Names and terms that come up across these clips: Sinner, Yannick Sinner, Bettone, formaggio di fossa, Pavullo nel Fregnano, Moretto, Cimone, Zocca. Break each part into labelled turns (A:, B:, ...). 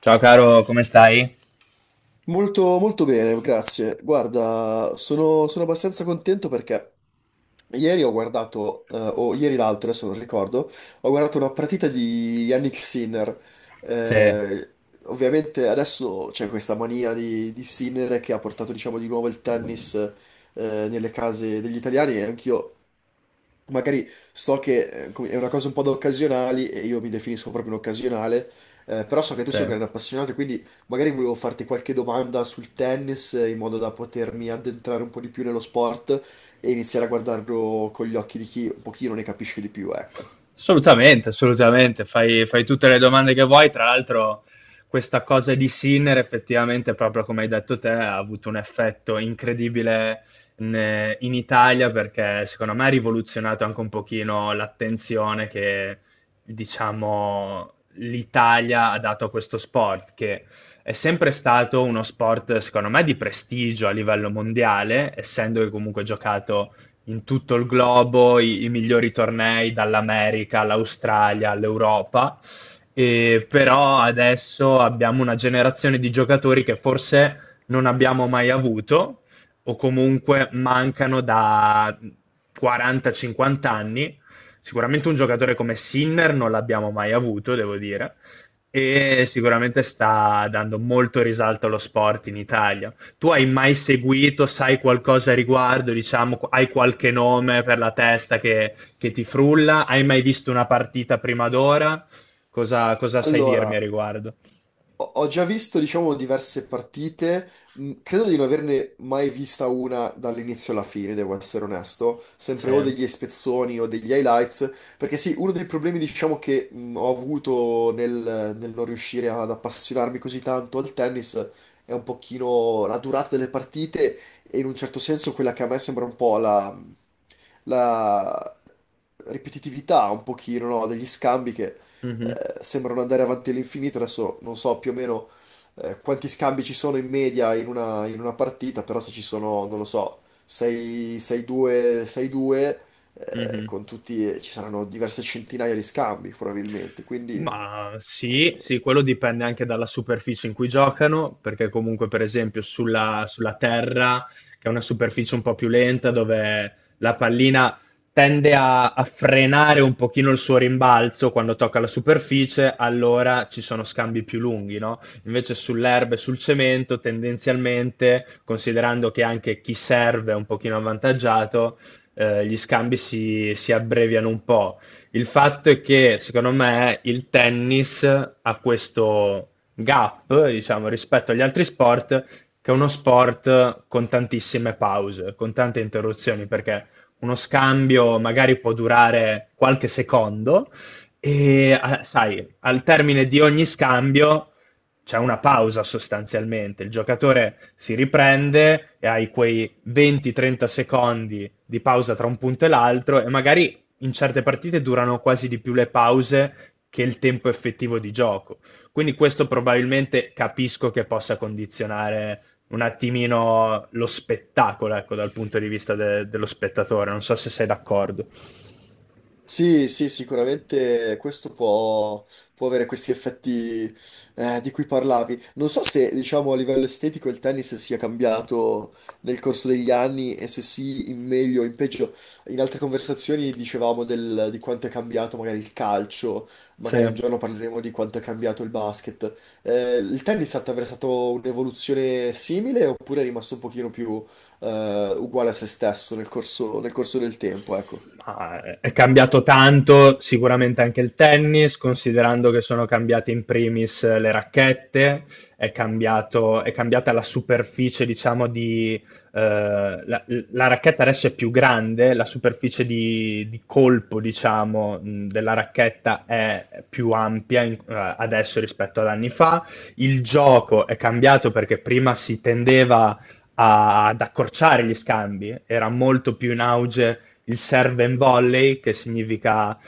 A: Ciao caro, come stai?
B: Molto bene, grazie. Guarda, sono abbastanza contento perché ieri ho guardato, o ieri l'altro, adesso non ricordo, ho guardato una partita di Yannick Sinner.
A: Te,
B: Eh, Ovviamente adesso c'è questa mania di Sinner che ha portato, diciamo, di nuovo il tennis, nelle case degli italiani, e anch'io magari so che è una cosa un po' da occasionali e io mi definisco proprio un occasionale, però so che tu sei un
A: te.
B: grande appassionato, quindi magari volevo farti qualche domanda sul tennis in modo da potermi addentrare un po' di più nello sport e iniziare a guardarlo con gli occhi di chi un pochino ne capisce di più, ecco.
A: Assolutamente, assolutamente. Fai tutte le domande che vuoi. Tra l'altro, questa cosa di Sinner, effettivamente, proprio come hai detto te, ha avuto un effetto incredibile in Italia, perché secondo me ha rivoluzionato anche un pochino l'attenzione che, diciamo, l'Italia ha dato a questo sport, che è sempre stato uno sport, secondo me, di prestigio a livello mondiale, essendo che comunque giocato in tutto il globo i migliori tornei dall'America all'Australia all'Europa. E però adesso abbiamo una generazione di giocatori che forse non abbiamo mai avuto o comunque mancano da 40-50 anni. Sicuramente un giocatore come Sinner non l'abbiamo mai avuto, devo dire, e sicuramente sta dando molto risalto allo sport in Italia. Tu hai mai seguito, sai qualcosa a riguardo, diciamo, hai qualche nome per la testa che ti frulla? Hai mai visto una partita prima d'ora? Cosa sai dirmi a
B: Allora,
A: riguardo?
B: ho già visto, diciamo, diverse partite, credo di non averne mai vista una dall'inizio alla fine, devo essere onesto, sempre o
A: Sì.
B: degli spezzoni o degli highlights, perché sì, uno dei problemi, diciamo, che ho avuto nel non riuscire ad appassionarmi così tanto al tennis è un pochino la durata delle partite, e in un certo senso quella che a me sembra un po' la ripetitività, un pochino, no, degli scambi che
A: Mhm,
B: sembrano andare avanti all'infinito. Adesso non so più o meno, quanti scambi ci sono in media in una partita, però se ci sono, non lo so, 6, 6-2, 6-2,
A: mhm.
B: con tutti, ci saranno diverse centinaia di scambi probabilmente. Quindi
A: Ma sì, sì, quello dipende anche dalla superficie in cui giocano, perché comunque per esempio sulla terra, che è una superficie un po' più lenta, dove la pallina tende a frenare un pochino il suo rimbalzo quando tocca la superficie. Allora ci sono scambi più lunghi, no? Invece sull'erba e sul cemento, tendenzialmente, considerando che anche chi serve è un pochino avvantaggiato, gli scambi si abbreviano un po'. Il fatto è che, secondo me, il tennis ha questo gap, diciamo, rispetto agli altri sport, che è uno sport con tantissime pause, con tante interruzioni, perché uno scambio magari può durare qualche secondo e, sai, al termine di ogni scambio c'è una pausa sostanzialmente, il giocatore si riprende e hai quei 20-30 secondi di pausa tra un punto e l'altro e magari in certe partite durano quasi di più le pause che il tempo effettivo di gioco. Quindi questo probabilmente capisco che possa condizionare un attimino lo spettacolo, ecco, dal punto di vista dello spettatore. Non so se sei d'accordo.
B: sì, sì, sicuramente questo può avere questi effetti di cui parlavi. Non so se, diciamo, a livello estetico il tennis sia cambiato nel corso degli anni, e se sì, in meglio o in peggio. In altre conversazioni dicevamo di quanto è cambiato magari il calcio, magari un
A: Sì.
B: giorno parleremo di quanto è cambiato il basket. Il tennis ha attraversato un'evoluzione simile, oppure è rimasto un pochino più uguale a se stesso nel corso del tempo, ecco.
A: È cambiato tanto sicuramente anche il tennis, considerando che sono cambiate in primis le racchette, è cambiata la superficie, diciamo, la racchetta adesso è più grande, la superficie di colpo, diciamo, della racchetta è più ampia adesso rispetto ad anni fa. Il gioco è cambiato perché prima si tendeva ad accorciare gli scambi, era molto più in auge il serve and volley, che significa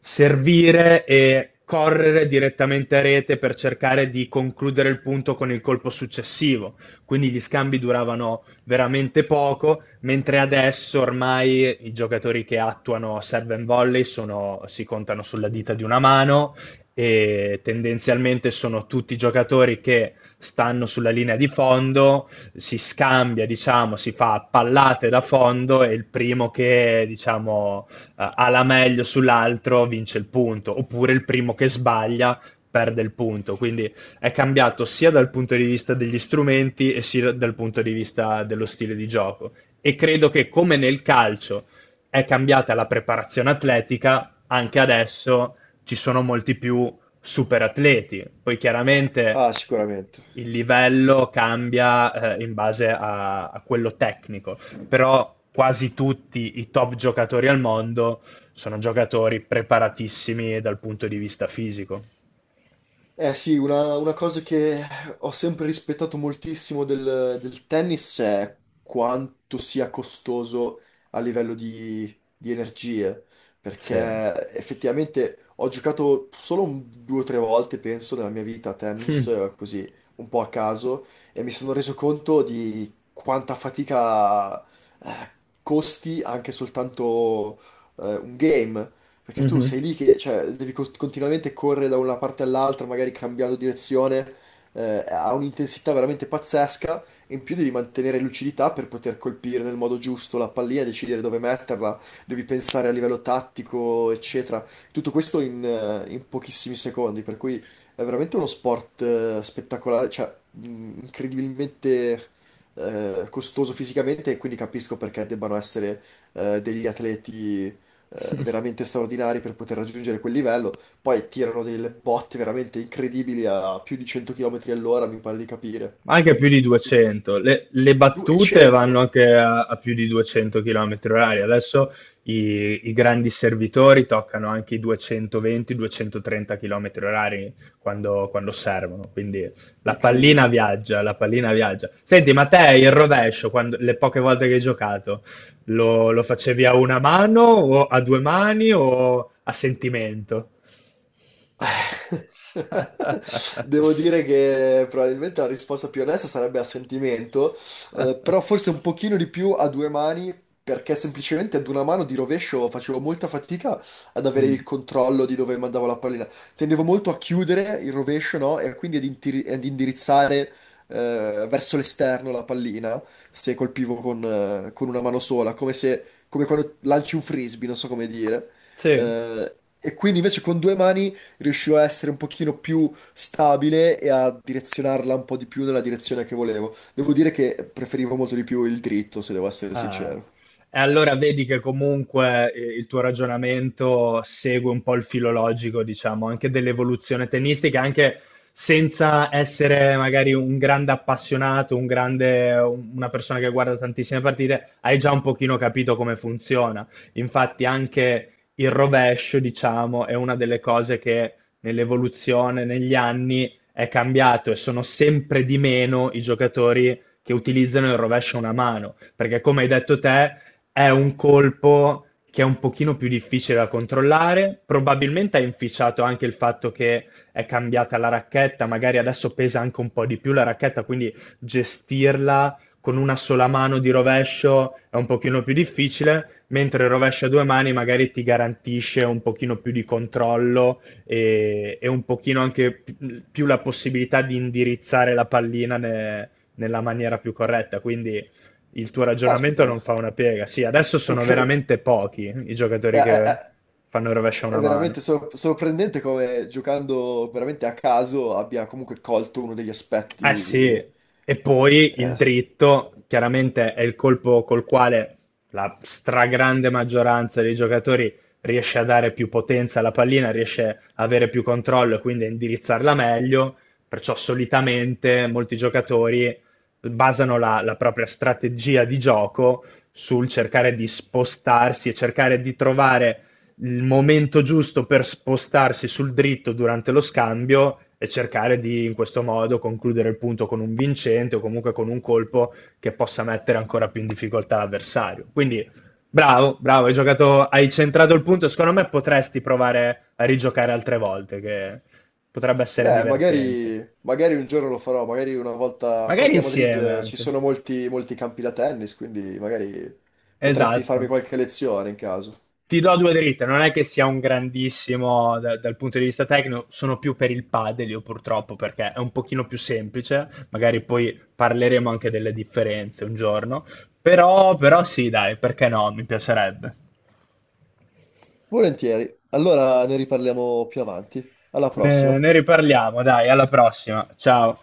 A: servire e correre direttamente a rete per cercare di concludere il punto con il colpo successivo. Quindi gli scambi duravano veramente poco, mentre adesso ormai i giocatori che attuano serve and volley si contano sulla dita di una mano e tendenzialmente sono tutti giocatori che stanno sulla linea di fondo. Si scambia, diciamo, si fa pallate da fondo e il primo che, diciamo, ha la meglio sull'altro vince il punto, oppure il primo che sbaglia perde il punto. Quindi è cambiato sia dal punto di vista degli strumenti e sia dal punto di vista dello stile di gioco. E credo che come nel calcio è cambiata la preparazione atletica, anche adesso ci sono molti più super atleti. Poi chiaramente
B: Ah, sicuramente.
A: il livello cambia in base a quello tecnico, però quasi tutti i top giocatori al mondo sono giocatori preparatissimi dal punto di vista fisico.
B: Eh sì, una cosa che ho sempre rispettato moltissimo del tennis è quanto sia costoso a livello di energie, perché
A: Sì.
B: effettivamente ho giocato solo due o tre volte, penso, nella mia vita a tennis, così un po' a caso, e mi sono reso conto di quanta fatica costi anche soltanto un game. Perché tu
A: Mhm.
B: sei lì che cioè, devi continuamente correre da una parte all'altra, magari cambiando direzione, ha un'intensità veramente pazzesca, e in più devi mantenere lucidità per poter colpire nel modo giusto la pallina, decidere dove metterla, devi pensare a livello tattico, eccetera. Tutto questo in, in pochissimi secondi, per cui è veramente uno sport spettacolare, cioè incredibilmente costoso fisicamente, e quindi capisco perché debbano essere degli atleti veramente straordinari per poter raggiungere quel livello. Poi tirano delle botte veramente incredibili a più di 100 km all'ora, mi pare di capire.
A: Anche più di 200. Le battute vanno
B: 200!
A: anche a più di 200 km orari. Adesso i grandi servitori toccano anche i 220-230 km orari quando servono. Quindi la pallina
B: Incredibile.
A: viaggia, la pallina viaggia. Senti, ma te il rovescio, le poche volte che hai giocato, lo facevi a una mano o a due mani o a sentimento?
B: Eh, devo dire che probabilmente la risposta più onesta sarebbe a sentimento, però forse un pochino di più a due mani, perché semplicemente ad una mano di rovescio facevo molta fatica ad avere il
A: Mm.
B: controllo di dove mandavo la pallina. Tendevo molto a chiudere il rovescio, no? E quindi ad indirizzare, verso l'esterno la pallina, se colpivo con una mano sola, come se, come quando lanci un frisbee, non so come dire.
A: Sì.
B: E quindi invece con due mani riuscivo a essere un pochino più stabile e a direzionarla un po' di più nella direzione che volevo. Devo dire che preferivo molto di più il dritto, se devo essere
A: Ah.
B: sincero.
A: E allora vedi che comunque il tuo ragionamento segue un po' il filologico, diciamo, anche dell'evoluzione tennistica, anche senza essere magari un grande appassionato, un grande, una persona che guarda tantissime partite, hai già un pochino capito come funziona. Infatti anche il rovescio, diciamo, è una delle cose che nell'evoluzione, negli anni, è cambiato, e sono sempre di meno i giocatori che utilizzano il rovescio a una mano, perché come hai detto te, è un colpo che è un pochino più difficile da controllare, probabilmente ha inficiato anche il fatto che è cambiata la racchetta, magari adesso pesa anche un po' di più la racchetta, quindi gestirla con una sola mano di rovescio è un pochino più difficile, mentre il rovescio a due mani magari ti garantisce un pochino più di controllo e un pochino anche più la possibilità di indirizzare la pallina nella maniera più corretta, quindi il tuo ragionamento
B: Caspita,
A: non fa una piega. Sì, adesso sono
B: incre-
A: veramente pochi i giocatori che
B: è-
A: fanno il rovescio a una
B: È
A: mano.
B: veramente sorprendente come giocando veramente a caso abbia comunque colto uno degli
A: Eh sì,
B: aspetti,
A: e poi il
B: eh,
A: dritto chiaramente è il colpo col quale la stragrande maggioranza dei giocatori riesce a dare più potenza alla pallina, riesce a avere più controllo e quindi a indirizzarla meglio, perciò solitamente molti giocatori basano la, propria strategia di gioco sul cercare di spostarsi e cercare di trovare il momento giusto per spostarsi sul dritto durante lo scambio e cercare di in questo modo concludere il punto con un vincente o comunque con un colpo che possa mettere ancora più in difficoltà l'avversario. Quindi bravo, bravo, hai giocato, hai centrato il punto. Secondo me potresti provare a rigiocare altre volte, che potrebbe essere
B: beh, magari,
A: divertente.
B: magari un giorno lo farò, magari una volta. So
A: Magari
B: che a Madrid
A: insieme
B: ci
A: anche.
B: sono molti campi da tennis, quindi magari potresti farmi
A: Esatto.
B: qualche lezione in caso.
A: Ti do due dritte, non è che sia un grandissimo dal punto di vista tecnico, sono più per il padel io purtroppo perché è un pochino più semplice, magari poi parleremo anche delle differenze un giorno, però, sì, dai, perché no, mi piacerebbe.
B: Volentieri. Allora ne riparliamo più avanti. Alla
A: ne
B: prossima.
A: ne riparliamo, dai, alla prossima, ciao.